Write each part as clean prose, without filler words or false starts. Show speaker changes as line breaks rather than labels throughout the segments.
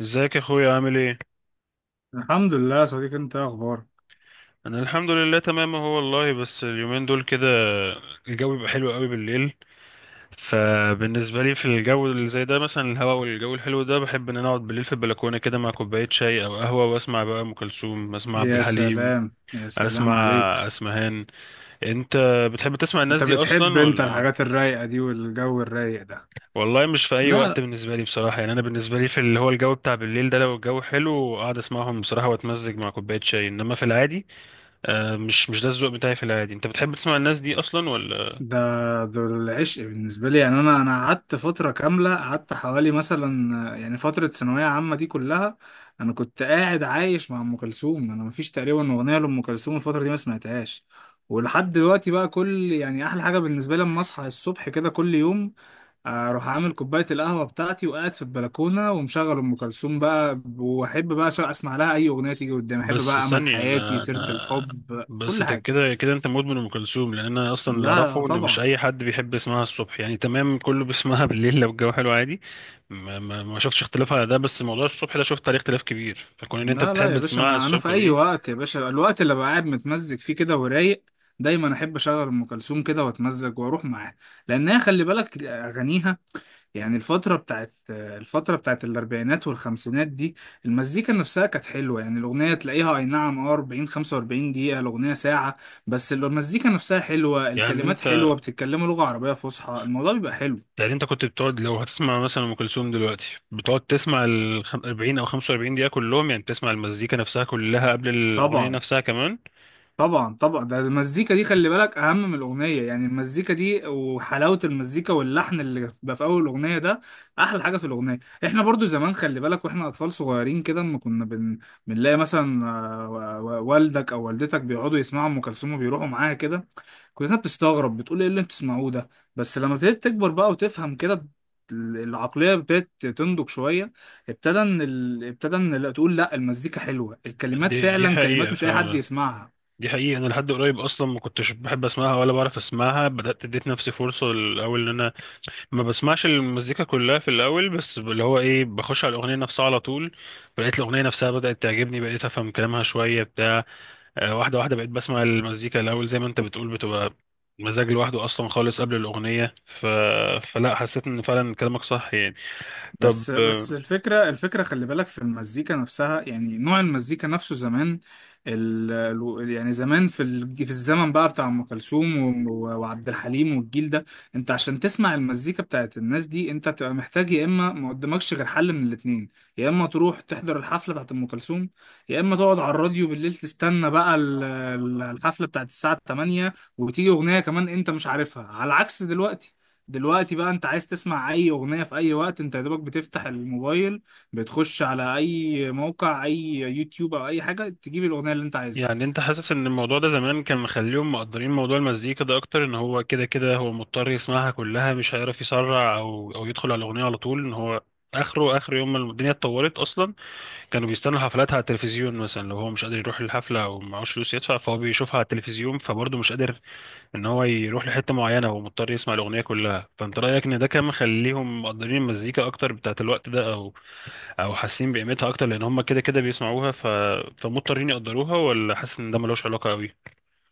ازيك يا اخويا، عامل ايه؟
الحمد لله يا صديقي، انت ايه اخبارك؟
انا الحمد لله تمام اهو والله، بس اليومين دول كده الجو بيبقى حلو قوي بالليل. فبالنسبه لي في الجو اللي زي ده مثلا، الهواء والجو الحلو ده بحب ان انا اقعد بالليل في البلكونه كده مع كوبايه شاي او قهوه، واسمع بقى ام كلثوم، اسمع عبد
يا
الحليم،
سلام يا سلام
اسمع
عليك.
اسمهان. انت بتحب تسمع الناس
انت
دي
بتحب
اصلا
انت
ولا؟
الحاجات الرايقة دي والجو الرايق ده؟
والله مش في اي وقت
لا،
بالنسبه لي بصراحه. يعني انا بالنسبه لي في اللي هو الجو بتاع بالليل ده، لو الجو حلو اقعد اسمعهم بصراحه واتمزج مع كوبايه شاي، انما في العادي. آه، مش ده الذوق بتاعي في العادي. انت بتحب تسمع الناس دي اصلا ولا؟
ده ده العشق بالنسبة لي. يعني أنا قعدت فترة كاملة، قعدت حوالي مثلا، يعني فترة ثانوية عامة دي كلها. أنا كنت قاعد عايش مع أم كلثوم، أنا مفيش تقريبا أغنية لأم كلثوم الفترة دي ما سمعتهاش. ولحد دلوقتي بقى كل، يعني أحلى حاجة بالنسبة لي لما أصحى الصبح كده كل يوم، اروح عامل كوبايه القهوه بتاعتي وقاعد في البلكونه ومشغل ام كلثوم بقى، واحب بقى اسمع لها اي اغنيه تيجي قدامي. احب
بس
بقى امل
ثانية،
حياتي،
انا
سيره
انا
الحب،
بس
كل
انت
حاجه.
كده كده انت مدمن ام كلثوم، لان انا اصلا اللي
لا
اعرفه ان مش
طبعا.
اي حد بيحب يسمعها الصبح، يعني تمام كله بيسمعها بالليل لو الجو حلو عادي. ما شفتش اختلاف على ده، بس موضوع الصبح ده شفت عليه اختلاف كبير، فكون ان انت
لا لا
بتحب
يا باشا،
تسمعها
انا في
الصبح
اي
دي.
وقت يا باشا، الوقت اللي بقعد متمزج فيه كده ورايق، دايما احب اشغل ام كلثوم كده واتمزج واروح معاها. لانها خلي بالك اغانيها، يعني الفتره بتاعت الاربعينات والخمسينات دي، المزيكا نفسها كانت حلوه. يعني الاغنيه تلاقيها اي نعم اه 40 45 دقيقه، الاغنيه ساعه، بس المزيكا نفسها حلوه،
يعني
الكلمات
انت
حلوه، بتتكلموا لغه عربيه فصحى، الموضوع بيبقى حلو.
يعني انت كنت بتقعد لو هتسمع مثلا ام كلثوم دلوقتي، بتقعد تسمع ال 40 او 45 دقيقة كلهم، يعني بتسمع المزيكا نفسها كلها قبل الاغنية
طبعا
نفسها كمان؟
طبعا طبعا، ده المزيكا دي خلي بالك اهم من الاغنيه. يعني المزيكا دي وحلاوه المزيكا واللحن اللي بيبقى في اول الاغنيه ده احلى حاجه في الاغنيه. احنا برضو زمان، خلي بالك واحنا اطفال صغيرين كده، اما بنلاقي مثلا، والدك او والدتك بيقعدوا يسمعوا ام كلثوم وبيروحوا معاها كده، كلنا بتستغرب بتقول ايه اللي انتوا بتسمعوه ده. بس لما ابتديت تكبر بقى وتفهم كده، العقلية ابتدت تنضج شوية، ابتدى ان، لا تقول لا المزيكا حلوة، الكلمات
دي
فعلا كلمات
حقيقة
مش اي حد
فعلا.
يسمعها.
دي حقيقة، أنا لحد قريب أصلا ما كنتش بحب أسمعها ولا بعرف أسمعها. بدأت اديت نفسي فرصة الأول إن أنا ما بسمعش المزيكا كلها في الأول، بس اللي هو إيه بخش على الأغنية نفسها على طول. بقيت الأغنية نفسها بدأت تعجبني، بقيت أفهم كلامها شوية بتاع. واحدة واحدة بقيت بسمع المزيكا الأول زي ما أنت بتقول، بتبقى مزاج لوحده أصلا خالص قبل الأغنية. فلا، حسيت إن فعلا كلامك صح يعني. طب،
بس الفكرة، خلي بالك في المزيكا نفسها، يعني نوع المزيكا نفسه زمان. ال... يعني زمان في الزمن بقى بتاع أم كلثوم وعبد الحليم والجيل ده، انت عشان تسمع المزيكا بتاعت الناس دي انت بتبقى محتاج، يا اما ما قدامكش غير حل من الاتنين، يا اما تروح تحضر الحفلة بتاعت أم كلثوم، يا اما تقعد على الراديو بالليل تستنى بقى الحفلة بتاعت الساعة 8، وتيجي أغنية كمان انت مش عارفها. على عكس دلوقتي، دلوقتي بقى انت عايز تسمع اي اغنية في اي وقت، انت يا دوبك بتفتح الموبايل، بتخش على اي موقع، اي يوتيوب او اي حاجة، تجيب الاغنية اللي انت عايزها.
يعني انت حاسس ان الموضوع ده زمان كان مخليهم مقدرين موضوع المزيكا ده اكتر، ان هو كده كده هو مضطر يسمعها كلها، مش هيعرف يسرع او يدخل على الاغنيه على طول، ان هو اخره اخر يوم ما الدنيا اتطورت اصلا؟ كانوا بيستنوا حفلاتها على التلفزيون مثلا، لو هو مش قادر يروح الحفله او معهوش فلوس يدفع فهو بيشوفها على التلفزيون. فبرضه مش قادر ان هو يروح لحته معينه، هو مضطر يسمع الاغنيه كلها. فانت رايك ان ده كان مخليهم مقدرين المزيكا اكتر بتاعت الوقت ده، او او حاسين بقيمتها اكتر لان هم كده كده بيسمعوها، فمضطرين يقدروها، ولا حاسس ان ده ملوش علاقه قوي؟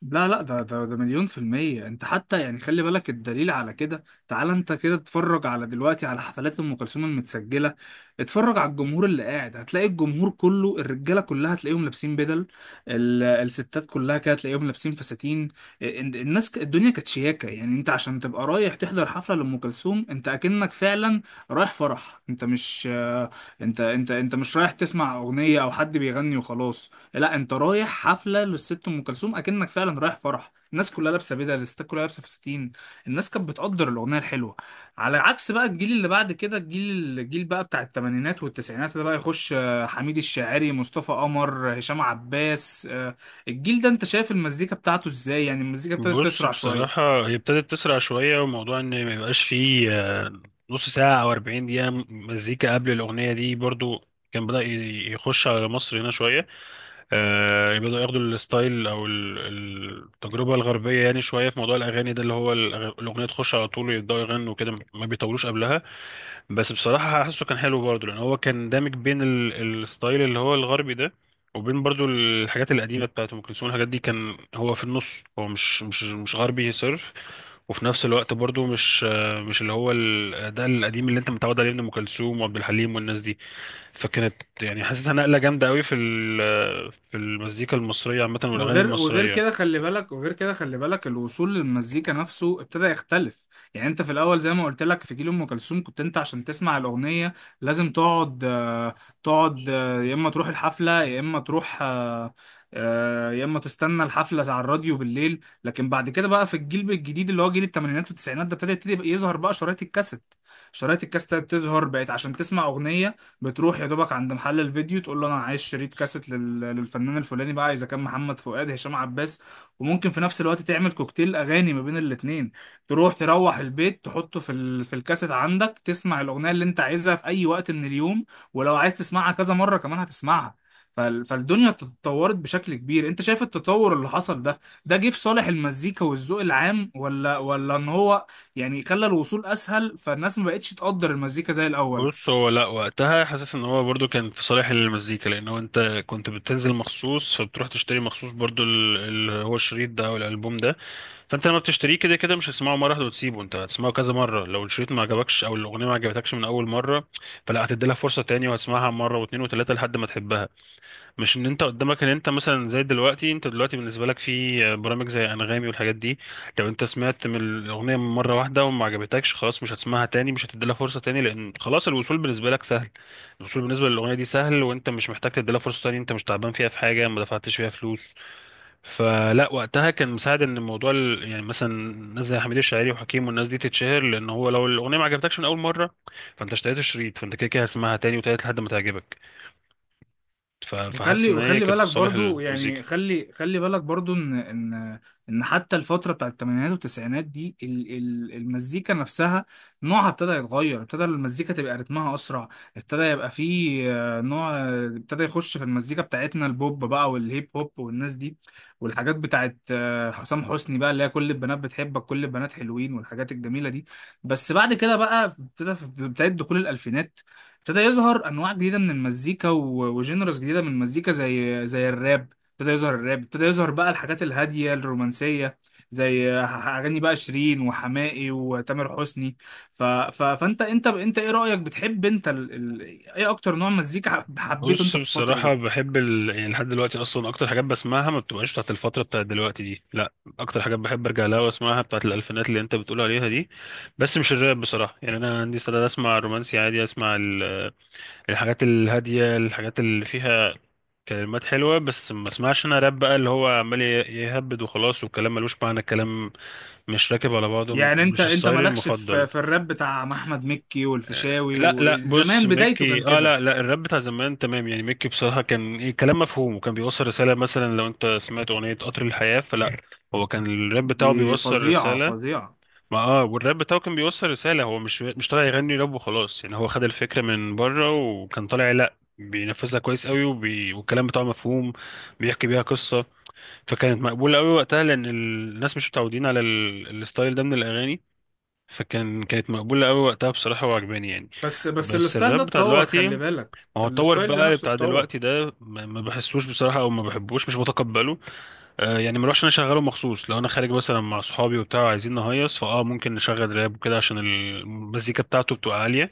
لا لا، ده مليون في المية. انت حتى يعني خلي بالك، الدليل على كده، تعال انت كده اتفرج على دلوقتي على حفلات ام كلثوم المتسجلة، اتفرج على الجمهور اللي قاعد، هتلاقي الجمهور كله، الرجالة كلها هتلاقيهم لابسين بدل، الستات كلها كده هتلاقيهم لابسين فساتين. الدنيا كانت شياكة. يعني انت عشان تبقى رايح تحضر حفلة لأم كلثوم، انت اكنك فعلا رايح فرح. انت مش رايح تسمع أغنية او حد بيغني وخلاص، لا انت رايح حفله للست ام كلثوم، اكنك فعلا رايح فرح، الناس كلها لابسه بدل، الستات كلها لابسه فساتين، الناس كانت بتقدر الاغنيه الحلوه. على عكس بقى الجيل اللي بعد كده، الجيل بقى بتاع الثمانينات والتسعينات ده بقى يخش، حميد الشاعري، مصطفى قمر، هشام عباس، الجيل ده انت شايف المزيكا بتاعته ازاي؟ يعني المزيكا ابتدت
بص،
تسرع شويه.
بصراحه هي ابتدت تسرع شويه، وموضوع ان ما يبقاش فيه نص ساعه او 40 دقيقه مزيكا قبل الاغنيه دي برضو، كان بدأ يخش على مصر هنا شوية. آه، بدأوا ياخدوا الستايل أو التجربة الغربية يعني شوية في موضوع الأغاني ده، اللي هو الأغنية تخش على طول، يبدأوا يغنوا كده ما بيطولوش قبلها. بس بصراحة حاسه كان حلو برضه، لأن هو كان دامج بين الستايل اللي هو الغربي ده، وبين برضه الحاجات القديمة بتاعت أم كلثوم، الحاجات دي كان هو في النص، هو مش غربي صرف. وفي نفس الوقت برضه مش، ده القديم اللي أنت متعود عليه من أم كلثوم وعبد الحليم والناس دي. فكانت يعني حاسسها نقلة جامدة قوي في في المزيكا المصرية عامة والأغاني
وغير وغير كده
المصرية.
خلي بالك وغير كده خلي بالك الوصول للمزيكا نفسه ابتدى يختلف. يعني انت في الاول زي ما قلت لك في جيل ام كلثوم، كنت انت عشان تسمع الاغنيه لازم تقعد، تقعد، يا اما تروح الحفله، يا اما تروح، يا اما تستنى الحفله على الراديو بالليل. لكن بعد كده بقى في الجيل الجديد اللي هو جيل الثمانينات والتسعينات ده، ابتدى يظهر بقى شرايط الكاسيت. شرايط الكاسيت بتظهر، بقت عشان تسمع اغنيه بتروح يا دوبك عند محل الفيديو تقول له انا عايز شريط كاسيت للفنان الفلاني بقى، اذا كان محمد فؤاد، هشام عباس، وممكن في نفس الوقت تعمل كوكتيل اغاني ما بين الاتنين. تروح البيت تحطه في الكاسيت عندك، تسمع الاغنيه اللي انت عايزها في اي وقت من اليوم، ولو عايز تسمعها كذا مره كمان هتسمعها. فالدنيا تطورت بشكل كبير. انت شايف التطور اللي حصل ده، ده جه في صالح المزيكا والذوق العام ولا ان هو يعني خلى الوصول اسهل فالناس ما بقتش تقدر المزيكا زي الاول؟
بص، هو لا وقتها حاسس ان هو برضو كان في صالح المزيكا، لان هو انت كنت بتنزل مخصوص فبتروح تشتري مخصوص برضو اللي هو الشريط ده او الالبوم ده. فانت لما بتشتريه كده كده مش هتسمعه مره واحده وتسيبه، انت هتسمعه كذا مره. لو الشريط ما عجبكش او الاغنيه ما عجبتكش من اول مره، فلا هتدي لها فرصه تاني، وهتسمعها مره واتنين وتلاته لحد ما تحبها. مش ان انت قدامك ان انت مثلا زي دلوقتي. انت دلوقتي بالنسبه لك في برامج زي انغامي والحاجات دي، لو انت سمعت من الاغنيه مره واحده وما عجبتكش خلاص مش هتسمعها تاني، مش هتديلها فرصه تاني، لان خلاص الوصول بالنسبه لك سهل. الوصول بالنسبه للاغنيه دي سهل، وانت مش محتاج تديلها فرصه تاني، انت مش تعبان فيها، في حاجه ما دفعتش فيها فلوس. فلا وقتها كان مساعد ان الموضوع يعني مثلا ناس زي حميد الشاعري وحكيم والناس دي تتشهر، لان هو لو الاغنيه ما عجبتكش من اول مره فانت اشتريت الشريط، فانت كده كده هتسمعها تاني وتالت لحد ما تعجبك. فحاسس
وخلي
ان هي
وخلي
كانت في
بالك
صالح
برضو
المزيكا.
يعني خلي خلي بالك برضو ان ان حتى الفتره بتاعت الثمانينات والتسعينات دي، المزيكا نفسها نوعها ابتدى يتغير، ابتدى المزيكا تبقى رتمها اسرع، ابتدى يبقى فيه، نوع، ابتدى يخش في المزيكا بتاعتنا البوب بقى والهيب هوب والناس دي، والحاجات بتاعت، حسام حسني بقى اللي هي كل البنات بتحبك، كل البنات حلوين، والحاجات الجميله دي. بس بعد كده بقى ابتدى في بدايه دخول الالفينات، ابتدى يظهر انواع جديده من المزيكا وجينرز جديده من المزيكا، زي الراب، ابتدى يظهر الراب، ابتدى يظهر بقى الحاجات الهاديه الرومانسيه، زي اغاني بقى شيرين وحماقي وتامر حسني. فانت انت ايه رايك؟ بتحب انت ال... ايه اكتر نوع مزيكا حبيته
بص،
انت في الفتره
بصراحة
دي؟
بحب يعني لحد دلوقتي أصلا أكتر حاجات بسمعها ما بتبقاش بتاعت الفترة بتاعت دلوقتي دي، لأ. أكتر حاجات بحب أرجع لها وأسمعها بتاعت الألفينات اللي أنت بتقول عليها دي. بس مش الراب بصراحة، يعني أنا عندي استعداد أسمع رومانسي عادي، أسمع الحاجات الهادية، الحاجات اللي فيها كلمات حلوة، بس ما اسمعش أنا راب بقى اللي هو عمال يهبد وخلاص، والكلام ملوش معنى، الكلام مش راكب على بعضه.
يعني انت
مش
انت
ستايلي
مالكش في
المفضل.
في الراب بتاع احمد مكي والفيشاوي
لا لا، بص،
وزمان بدايته كان
ميكي اه.
كده؟
لا لا، الراب بتاع زمان تمام يعني. ميكي بصراحة كان ايه، كلام مفهوم وكان بيوصل رسالة. مثلا لو انت سمعت أغنية قطر الحياة، فلا، هو كان الراب بتاعه
دي
بيوصل
فظيعه
رسالة.
فظيعه.
ما اه، والراب بتاعه كان بيوصل رسالة، هو مش طالع يغني راب وخلاص يعني. هو خد الفكرة من بره وكان طالع، لا، بينفذها كويس قوي، والكلام بتاعه مفهوم، بيحكي بيها قصة. فكانت مقبولة قوي وقتها لأن الناس مش متعودين على الستايل ده من الأغاني. فكان كانت مقبولة أوي وقتها بصراحة، وعجباني يعني.
بس
بس
الستايل ده
الراب بتاع
اتطور
دلوقتي
خلي
ما،
بالك،
هو اتطور
الستايل ده
بقى
نفسه
بتاع
اتطور.
دلوقتي ده، ما بحسوش بصراحة أو ما بحبوش، مش بتقبله. آه، يعني ما اروحش أنا أشغله مخصوص. لو أنا خارج مثلا مع صحابي وبتاع عايزين نهيص فأه ممكن نشغل راب وكده عشان المزيكا بتاعته بتبقى عالية.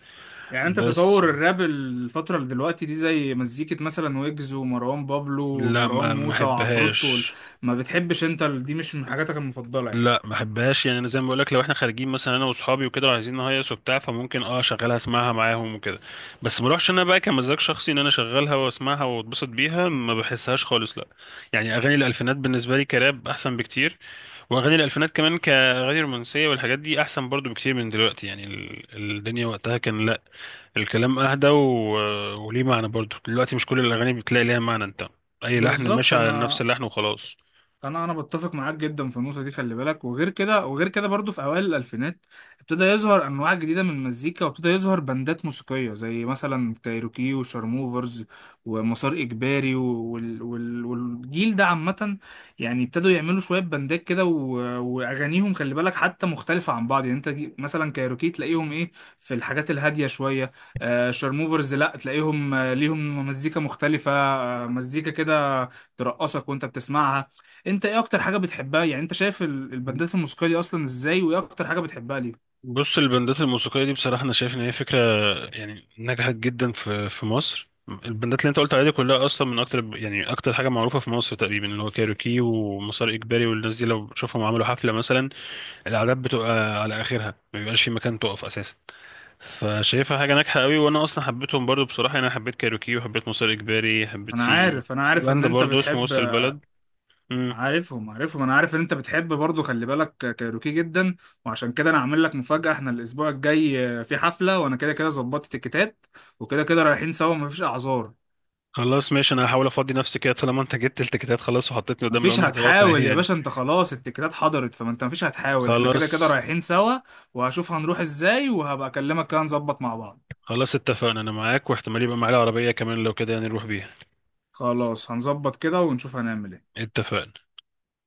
يعني انت
بس
تطور الراب الفترة اللي دلوقتي دي زي مزيكة مثلا ويجز ومروان بابلو
لا،
ومروان
ما
موسى وعفروتو
أحبهاش.
ما بتحبش انت دي مش من حاجاتك المفضلة يعني؟
لا ما بحبهاش يعني، انا زي ما بقول لك لو احنا خارجين مثلا انا واصحابي وكده وعايزين نهيص وبتاع، فممكن اه اشغلها اسمعها معاهم وكده. بس ما اروحش انا بقى كمزاج شخصي ان انا اشغلها واسمعها واتبسط بيها، ما بحسهاش خالص، لا. يعني اغاني الالفينات بالنسبه لي كراب احسن بكتير، واغاني الالفينات كمان كاغاني رومانسيه والحاجات دي احسن برضو بكتير من دلوقتي. يعني الدنيا وقتها كان لا، الكلام اهدى وليه معنى برضو. دلوقتي مش كل الاغاني بتلاقي ليها معنى انت، اي لحن
بالظبط.
ماشي على نفس
انا
اللحن وخلاص.
انا بتفق معاك جدا في النقطه دي. خلي بالك وغير كده، برضو في اوائل الالفينات ابتدى يظهر انواع جديده من المزيكا، وابتدى يظهر بندات موسيقيه زي مثلا كايروكي وشارموفرز ومسار اجباري والجيل ده عامه، يعني ابتدوا يعملوا شويه بندات كده، واغانيهم خلي بالك حتى مختلفه عن بعض. يعني انت مثلا كايروكي تلاقيهم ايه؟ في الحاجات الهاديه شويه. آه شارموفرز لا، تلاقيهم، ليهم مزيكا مختلفه، مزيكا كده ترقصك وانت بتسمعها. انت ايه اكتر حاجه بتحبها؟ يعني انت شايف البندات الموسيقيه دي اصلا ازاي، وايه اكتر حاجه بتحبها ليه؟
بص، البندات الموسيقية دي بصراحة أنا شايف إن هي فكرة يعني نجحت جدا في مصر. البندات اللي أنت قلت عليها دي كلها أصلا من أكتر، يعني أكتر حاجة معروفة في مصر تقريبا، اللي هو كايروكي ومسار إجباري والناس دي، لو بشوفهم عملوا حفلة مثلا، الأعداد بتبقى على آخرها، ما بيبقاش في مكان تقف أساسا. فشايفها حاجة ناجحة قوي، وأنا أصلا حبيتهم برضو بصراحة يعني. أنا حبيت كايروكي وحبيت مسار إجباري، حبيت
انا
في
عارف،
في
ان
بند
انت
برضو اسمه
بتحب.
وسط البلد. مم.
عارفهم، انا عارف ان انت بتحب برضو خلي بالك كايروكي جدا، وعشان كده انا عامل لك مفاجاه، احنا الاسبوع الجاي، في حفله وانا كده كده ظبطت التيكيتات، وكده كده رايحين سوا، مفيش اعذار.
خلاص، ماشي. أنا هحاول أفضي نفسي كده طالما أنت جبت التيكيتات، خلاص وحطيتني قدام
مفيش
الأمر الواقع
هتحاول يا
يعني.
باشا انت، خلاص التيكيتات حضرت، فما انت مفيش هتحاول، احنا كده كده
خلاص.
رايحين سوا. وهشوف هنروح ازاي، وهبقى اكلمك كده نظبط مع بعض.
خلاص، اتفقنا، انا معاك، واحتمال يبقى معايا العربية كمان لو كده يعني نروح بيها.
خلاص هنظبط كده ونشوف هنعمل ايه.
اتفقنا.